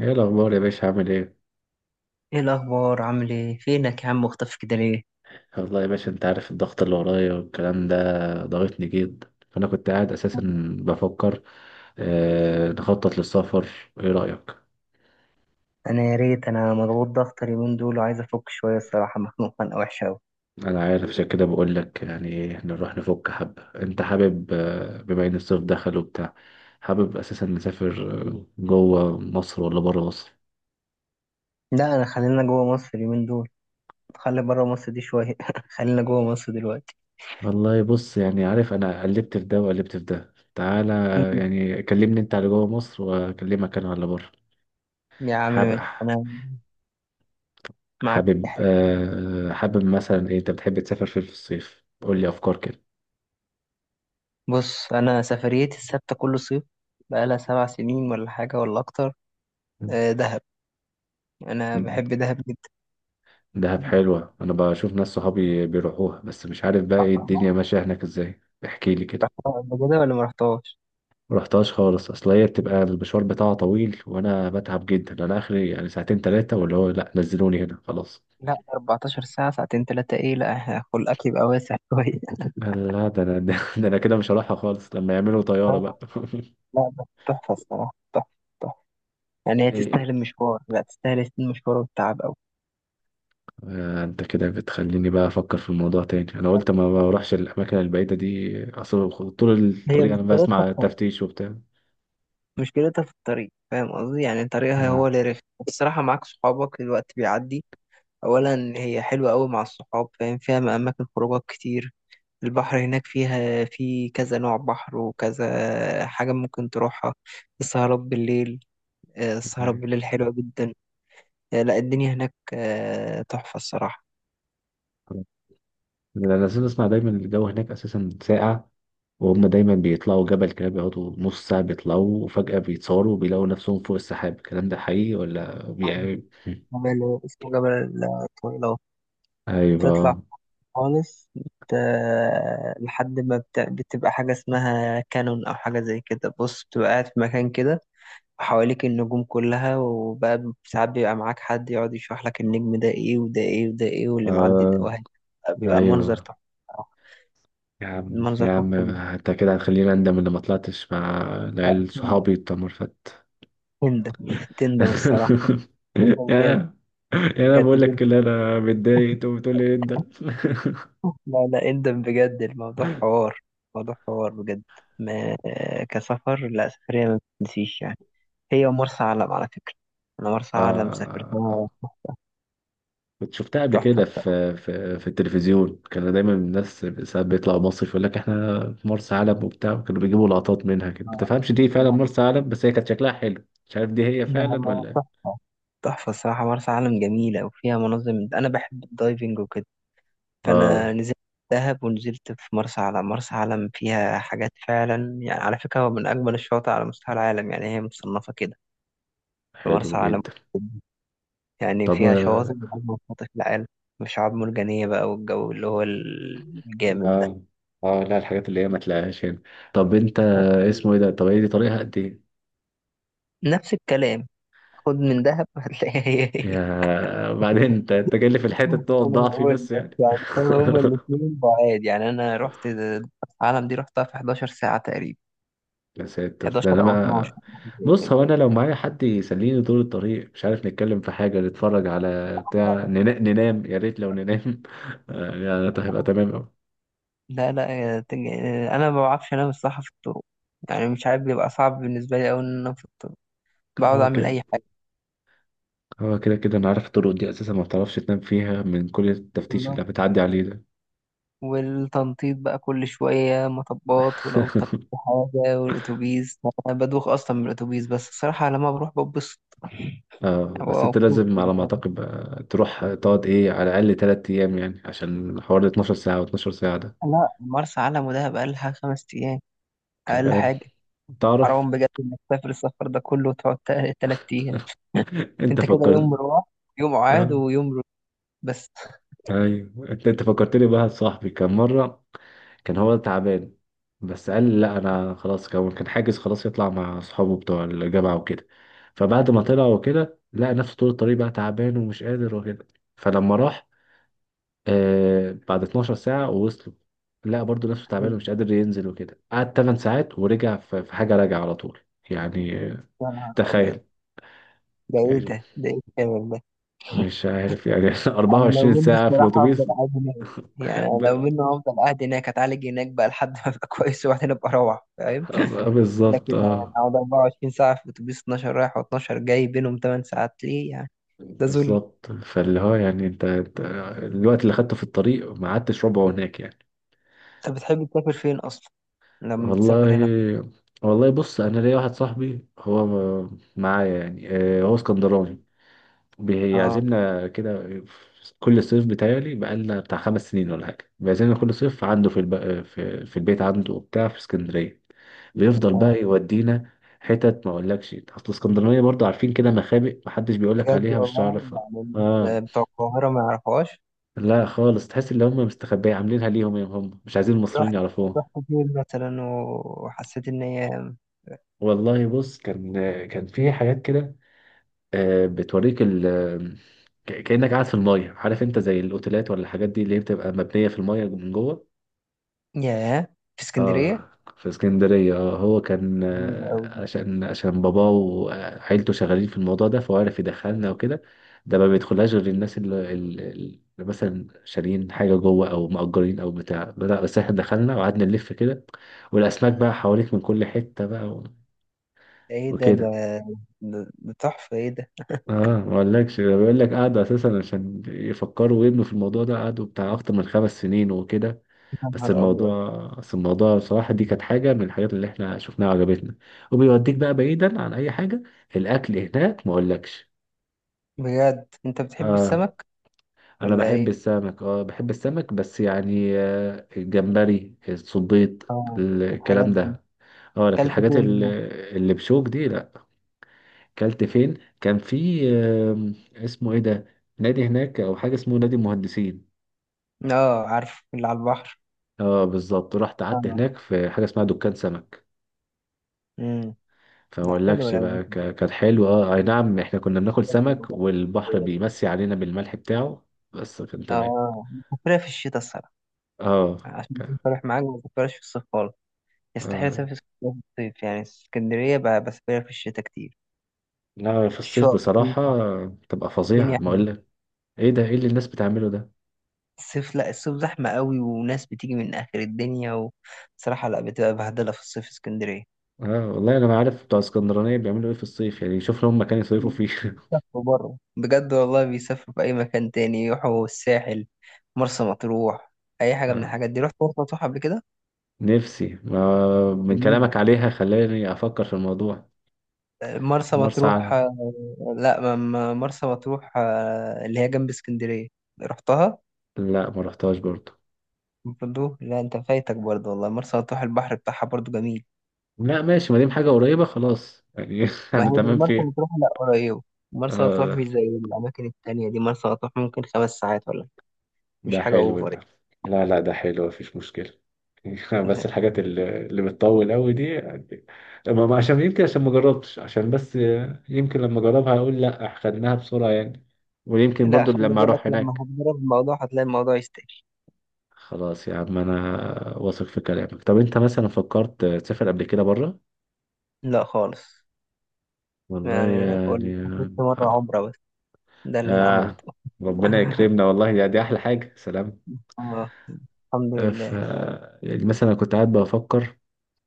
ايه الاخبار يا باشا عامل ايه؟ ايه الاخبار؟ عامل ايه؟ فينك يا عم؟ مختفي كده ليه؟ والله يا باشا انت عارف الضغط اللي ورايا والكلام ده ضغطني جدا، فانا كنت قاعد اساسا بفكر، نخطط للسفر. ايه رايك؟ انا يا ريت. انا مضغوط ضغط اليومين دول وعايز افك شويه، الصراحه مخنوق خنقه وحشه قوي. انا عارف، عشان كده بقول لك يعني نروح نفك حبه. انت حابب، بما ان الصيف دخل وبتاع. حابب اساسا نسافر، جوه مصر ولا بره مصر؟ لا، انا خلينا جوه مصر اليومين دول. خلي بره مصر دي شويه. خلينا جوه مصر دلوقتي. والله بص يعني عارف، انا قلبت في ده وقلبت في ده. تعالى، مم. يعني كلمني انت على جوه مصر واكلمك انا على بره. يا عم حابب ماشي، انا معاك في حابب حاجه. حابب مثلا ايه. انت بتحب تسافر فين في الصيف؟ قول لي افكار كده. بص، انا سفريتي الثابته كل صيف بقالها 7 سنين، ولا حاجه ولا اكتر. دهب. انا م- بحب دهب جدا. دهب حلوة. انا بشوف ناس صحابي بيروحوها، بس مش عارف بقى ايه رحتها الدنيا ماشية هناك ازاي. احكي لي كده. قبل كده ولا ما رحتهاش؟ مرحتهاش خالص، اصل هي بتبقى المشوار بتاعها طويل وانا بتعب جدا. انا اخري يعني ساعتين ثلاثة واللي هو لا نزلوني هنا خلاص. لا، 14 ساعة؟ ساعتين تلاتة؟ ايه لا، إحنا خلقك يبقى واسع شوية. لا ده انا ده انا كده مش هروحها خالص لما يعملوا طيارة آه، بقى. لا بس تحفة، الصراحة تحفة. تحفة. يعني هي إيه، تستاهل المشوار، لا تستاهل المشوار والتعب أوي. انت كده بتخليني بقى افكر في الموضوع تاني. انا قلت ما بروحش الاماكن البعيده دي، اصل طول هي الطريق انا مشكلتها في بسمع الطريق، تفتيش وبتاع. مشكلتها في الطريق، فاهم قصدي؟ يعني طريقها هو آه. اللي رخم، بس الصراحة معاك صحابك الوقت بيعدي. أولا هي حلوة أوي مع الصحاب فاهم، فيها أماكن خروجات كتير. البحر هناك فيها في كذا نوع بحر وكذا حاجة ممكن تروحها. السهرات بالليل السهرات أيوة. بالليل حلوة جدا. لا الدنيا هناك تحفة الصراحة. انا لازم اسمع دايما. الجو هناك اساسا ساقع، وهم دايما بيطلعوا جبل كده، بيقعدوا نص ساعه بيطلعوا وفجاه بيتصوروا وبيلاقوا نفسهم فوق السحاب. الكلام ده حقيقي ولا جبل اسمه جبل الطويل أهو. تطلع ايوه. خالص لحد ما بتبقى حاجة اسمها كانون أو حاجة زي كده، بص بتبقى قاعد في مكان كده، وحواليك النجوم كلها. وبقى ساعات بيبقى معاك حد يقعد يشرح لك النجم ده ايه وده ايه وده ايه، واللي معدي ده آه. واحد. بيبقى منظر ايوه، تحفة. يا عم منظر يا تحفة عم جدا. انت كده هتخليني اندم ان ما طلعتش مع لا العيال تندم. صحابي بتوع مرفت. تندم. تندم الصراحة. تندم جامد. يا يا انا بقول بجد. لك اللي انا متضايق انت بتقول لي انت. لا لا، اندم بجد، الموضوع حوار. موضوع حوار بجد. ما كسفر لا، سفرية ما بتنسيش يعني. هي مرسى علم على فكرة. أنا مرسى علم سافرتها. آه، كنت شفتها قبل تحفة كده بصراحة. في في التلفزيون. كانوا دايما الناس ساعات بيطلعوا مصيف، يقول لك احنا في مرسى علم وبتاع، كانوا بيجيبوا لقطات منها كده ما آه، تفهمش دي فعلا لا مرسى علم. بس هي كانت شكلها حلو، مش عارف دي هي لا فعلا لا، ولا إيه. تحفة. تحفة الصراحة مرسى علم جميلة وفيها مناظر أنا بحب الدايفنج وكده. فأنا اه. نزلت دهب ونزلت في مرسى علم. مرسى علم فيها حاجات فعلا، يعني على فكرة هو من أجمل الشواطئ على مستوى العالم، يعني هي مصنفة كده. في حلو مرسى علم جدا. يعني طب فيها شواطئ اه من أجمل الشواطئ في العالم، وشعاب مرجانية بقى، والجو اللي هو الجامد ده. اه، لا الحاجات اللي هي ما تلاقيهاش هنا. طب انت، اسمه ايه ده؟ طب هي دي طريقها قد ايه؟ نفس الكلام، خد من دهب هتلاقيها هي هي. يا بعدين انت جاي لي في الحتة تقعد أنا ضعفي، بقول بس بس يعني. يعني. هو هما الاتنين بعاد يعني. أنا رحت العالم دي رحتها في 11 ساعة تقريبا، يا ساتر، ده انا 11 أو 12 ما. حاجة زي بص، كده. هو انا لو معايا حد يسليني طول الطريق، مش عارف نتكلم في حاجة، نتفرج على بتاع، ننام، يا ريت لو ننام. يعني ده هيبقى تمام اوي. لا لا، أنا ما بعرفش أنام الصراحة في الطرق. يعني مش عارف، بيبقى صعب بالنسبة لي أوي إن أنام في الطرق. بقعد هو أعمل أي كده، هو كده كده انا عارف الطرق دي اساسا ما بتعرفش تنام فيها من كل التفتيش حاجة، اللي بتعدي عليه ده. والتنطيط بقى كل شوية مطبات ولو طبت حاجة. والأتوبيس، أنا بدوخ أصلا من الأتوبيس. بس الصراحة لما بروح ببسط، اه، يعني بس ببقى انت مبسوط لازم كده، على ما فاهم؟ اعتقد بقى تروح تقعد ايه على الاقل 3 ايام يعني، عشان حوالي 12 ساعة و12 ساعة ده. لا، مرسى علم ودهب أقلها 5 أيام. كده أقل بقى، حاجة. تعرف. حرام بجد إنك تسافر السفر ده كله وتقعد 3 أيام. انت أنت كده فكرت. يوم روح، يوم عاد، اه، ويوم روح بس. ايوه انت فكرتني بواحد صاحبي. كان مره كان هو تعبان، بس قال لي لا انا خلاص، كان حاجز خلاص يطلع مع اصحابه بتوع الجامعه وكده. فبعد ما طلع وكده لقى نفسه طول الطريق بقى تعبان ومش قادر وكده. فلما راح، آه بعد 12 ساعه ووصلوا، لقى برضه نفسه تعبان ومش قادر ينزل وكده. قعد 8 ساعات ورجع. في حاجه راجع على طول. يعني، يا نهار أبيض. تخيل. يعني ده إيه الكلام ده؟ مش عارف يعني انا لو 24 منه ساعة في الصراحه هفضل الأتوبيس. قاعد هناك. يعني أنا لو ب... منه هفضل قاعد هناك اتعالج هناك بقى لحد ما ابقى كويس، وبعدين ابقى اروح، فاهم. لكن بالظبط أنا اه. اقعد 24 ساعه في اتوبيس، 12 رايح و12 جاي بينهم 8 ساعات، ليه يعني؟ ده ذل. بالظبط، فاللي هو يعني انت الوقت اللي خدته في الطريق ما قعدتش ربعه هناك يعني. انت بتحب تسافر فين اصلا؟ لما والله، بتسافر هنا في؟ والله بص انا ليا واحد صاحبي، هو معايا يعني، هو اسكندراني، اه بيعزمنا كده في كل صيف. بتاعي بقالنا بتاع 5 سنين ولا حاجة، بيعزمنا كل صيف عنده في البيت عنده وبتاع في اسكندرية. بيفضل بقى اه، يودينا حتت ما اقولكش، اصل اسكندرانية برضه عارفين كده مخابئ محدش بيقولك بجد عليها مش والله هتعرف. يعني. اه، الناس بتوع القاهره ما يعرفوهاش. لا خالص، تحس ان هم مستخبية عاملينها ليهم، يا هم مش عايزين المصريين رحت يعرفوها. رحت فين مثلا وحسيت ان هي؟ والله بص، كان، كان في حاجات كده، بتوريك كأنك قاعد في المية، عارف انت، زي الاوتيلات ولا الحاجات دي اللي هي بتبقى مبنية في المية من جوه. ياه، في اسكندريه؟ اه، في اسكندرية اه. هو كان، جميلة أوي دي. عشان عشان باباه وعيلته شغالين في الموضوع ده، فهو عرف يدخلنا وكده. ده ما بيدخلهاش غير الناس اللي مثلا شاريين حاجة جوه أو مأجرين أو بتاع بدأ، بس احنا دخلنا وقعدنا نلف كده، والأسماك بقى حواليك من كل حتة بقى، و- ايه ده، وكده. ده ده ده تحفه، ايه ده؟ اه، ما اقولكش، ده بيقول لك قعدوا اساسا عشان يفكروا ويبنوا في الموضوع ده قعدوا بتاع اكتر من 5 سنين وكده. يا بس نهار أبيض. الموضوع بس الموضوع بصراحه دي كانت حاجه من الحاجات اللي احنا شفناها وعجبتنا، وبيوديك بقى بعيدا عن اي حاجه. الاكل هناك ما اقولكش. بجد أنت بتحب اه، السمك انا ولا بحب إيه؟ السمك. اه بحب السمك، بس يعني آه الجمبري الصبيط آه، الحاجات الكلام دي. ده. اه، لكن أكلت الحاجات اللي فين؟ اللي بشوك دي لا. كلت فين، كان في اسمه ايه ده، نادي هناك او حاجه اسمه نادي المهندسين. هنا؟ آه، عارف اللي على البحر. اه بالظبط، رحت قعدت آه. هناك في حاجه اسمها دكان سمك. أمم. فما لا حلو. اقولكش بقى، كان حلو. اه اي نعم احنا كنا بناكل لو سمك والبحر بيمسي علينا بالملح بتاعه، بس كان تمام. بسافرها في الشتاء الصراحة. اه عشان أكون صريح معاك ما بسافرهاش في الصيف خالص. يستحيل اه، أسافر اسكندرية في الصيف، يعني اسكندرية بسافرها في الشتاء كتير. لا في الصيف الشغل. بصراحه تبقى فظيعه الدنيا ما حلوة. اقولك. ايه ده، ايه اللي الناس بتعمله ده. الصيف، لا الصيف زحمة قوي وناس بتيجي من آخر الدنيا، وصراحة لا، بتبقى بهدلة في الصيف اسكندرية. اه والله انا ما عارف بتوع اسكندرانيه بيعملوا ايه في الصيف، يعني شوف لهم مكان يصيفوا فيه. بيسافروا بره بجد والله، بيسافروا في أي مكان تاني يروحوا، الساحل، مرسى مطروح، أي حاجة من اه، الحاجات دي. رحت مرسى مطروح قبل كده؟ نفسي، ما من جميل. كلامك عليها خلاني افكر في الموضوع. مرسى مرسى مطروح علم. لا مرسى مطروح اللي هي جنب اسكندرية. رحتها؟ لا ما رحتهاش برضو. برضو، لا انت فايتك برضو والله، مرسى مطروح البحر بتاعها برضو جميل. لا ماشي، ما دام حاجه قريبه خلاص يعني. ما انا هي زي تمام مرسى فيها. مطروح، لا قريبة. مرسى مطروح آه، مش زي الأماكن التانية دي، مرسى مطروح ممكن 5 ساعات ولا حاجة، مش ده حاجة حلو أوفر ده. لا لا ده حلو، مفيش مشكله. بس يعني. الحاجات اللي بتطول قوي دي يعني. عشان يمكن عشان ما جربتش، عشان بس، يمكن لما اجربها اقول لا خدناها بسرعه يعني، ويمكن لا برضو خلي لما بالك، اروح لما هناك. هتجرب الموضوع هتلاقي الموضوع يستاهل. خلاص يا عم، انا واثق في كلامك. طب انت مثلا فكرت تسافر قبل كده بره؟ لا خالص. والله يعني أنا بقول يعني. لك، حفظت مرة آه. عمرة بس. ده اللي أنا آه. عملته. ربنا يكرمنا والله، يعني دي أحلى حاجة. سلام. آه. الحمد آه، ف لله. يعني مثلا أنا كنت قاعد بفكر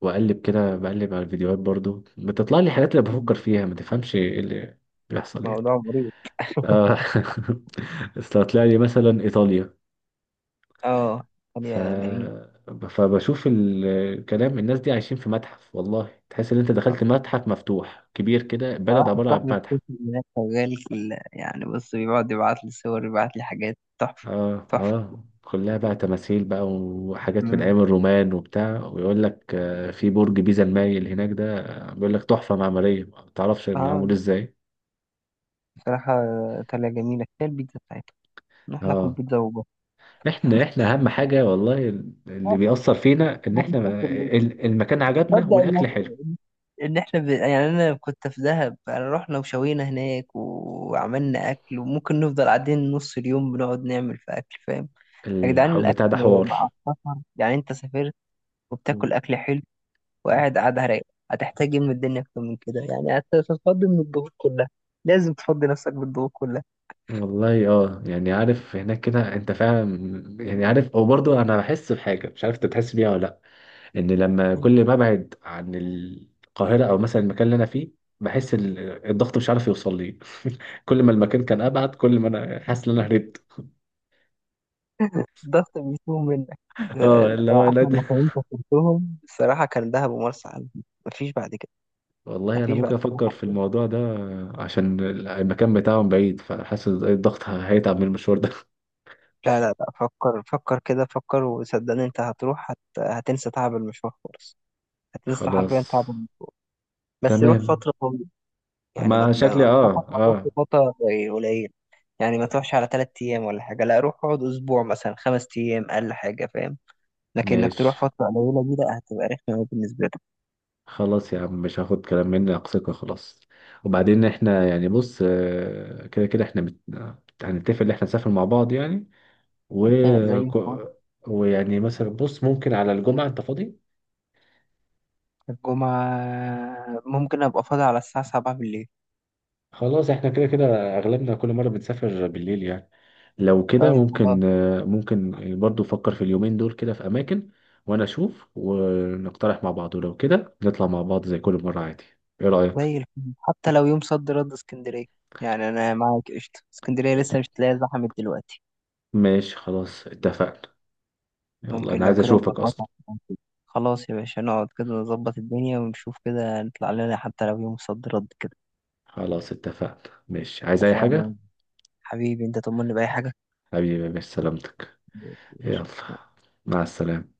وأقلب كده، بقلب على الفيديوهات برضو بتطلع لي حاجات اللي بفكر فيها، ما تفهمش إيه اللي بيحصل يعني. موضوع مريض. آه. أصل طلع لي مثلا إيطاليا. آه. ف يا جميل. فبشوف الكلام. الناس دي عايشين في متحف، والله تحس إن أنت دخلت متحف مفتوح كبير كده، بلد واحد عبارة عن صاحبي متحف. بيسافر هناك شغال يعني بص بيقعد يبعت لي صور، يبعت لي حاجات تحفة. اه تحفة. اه، كلها بقى تماثيل بقى وحاجات من مم. ايام الرومان وبتاع. ويقول لك، في برج بيزا المايل هناك ده، بيقول لك تحفة معمارية ما تعرفش آه معمول ازاي. بصراحة، طالعة جميلة، كفاية البيتزا بتاعتها، نروح ناكل اه، بيتزا وبس. احنا اهم حاجة والله اللي آه، بيأثر فينا ان احنا هنسافر ليه؟ المكان عجبنا تصدق والاكل حلو. ان احنا يعني انا كنت في دهب، يعني رحنا وشوينا هناك وعملنا اكل، وممكن نفضل قاعدين نص اليوم بنقعد نعمل في اكل، فاهم. يا جدعان، الحب الاكل بتاع ده حوار. مع السفر، يعني انت سافرت وبتاكل اكل حلو وقاعد قاعده رايقه. هتحتاج ايه من الدنيا اكتر من كده؟ يعني هتتفضي من الضغوط كلها. لازم تفضي نفسك بالضغوط كلها. والله اه يعني، عارف هناك كده انت فعلا، يعني عارف. وبرضه انا بحس بحاجة، مش عارف انت بتحس بيها ولا، ان لما كل ما ابعد عن القاهره او مثلا المكان اللي انا فيه، بحس الضغط مش عارف يوصل لي، كل ما المكان كان ابعد كل ما انا حاسس ان انا هربت. الضغط بيسوء منك. اه، أنا اللي احلى هو لا مكانين سافرتهم الصراحه كان دهب ومرسى علم. مفيش بعد كده. والله انا مفيش بعد ممكن افكر في كده. الموضوع ده، عشان المكان بتاعهم بعيد، فحاسس الضغط هيتعب من المشوار ده. لا لا لا، فكر. فكر كده. فكر وصدقني انت هتروح هتنسى تعب المشوار خالص. هتنسى حرفيا خلاص. تعب بس روح تمام. فترة طويلة. يعني ما ما تبقى شكلي اه انصحك ما تروحش اه. فترة قليل قليل. يعني ما تروحش على 3 أيام ولا حاجة، لا روح اقعد أسبوع مثلا، 5 أيام أقل حاجة، فاهم. لكن إنك تروح ماشي، فترة قليلة دي لا، هتبقى رخمة أوي بالنسبة لك. خلاص يا عم مش هاخد كلام منك ثقة خلاص. وبعدين احنا يعني بص، كده كده احنا هنتفق ان احنا نسافر مع بعض يعني، و... زي ما قلت، ك- ويعني مثلا بص ممكن على الجمعة انت فاضي؟ الجمعة ممكن أبقى فاضي على الساعة 7 بالليل. خلاص احنا كده كده اغلبنا كل مرة بنسافر بالليل يعني، لو كده طيب خلاص. ممكن، ممكن. برضو فكر في اليومين دول كده في اماكن، وانا اشوف، ونقترح مع بعض، ولو كده نطلع مع بعض زي كل مرة عادي. ايه رأيك؟ زي الفل، حتى لو يوم صد رد اسكندرية. يعني أنا معاك قشطة، اسكندرية لسه مش تلاقي زحمت دلوقتي. ماشي خلاص اتفقنا. يلا ممكن انا لو عايز كده اشوفك اصلا. نظبطها. خلاص يا باشا، نقعد كده نظبط الدنيا ونشوف كده نطلع لنا حتى لو يوم صد رد كده. خلاص اتفقنا ماشي. عايز اي حاجة؟ فعلا. حبيبي، أنت طمني بأي حاجة. حبيبي، مش سلامتك. يلا، كتير. مع السلامة.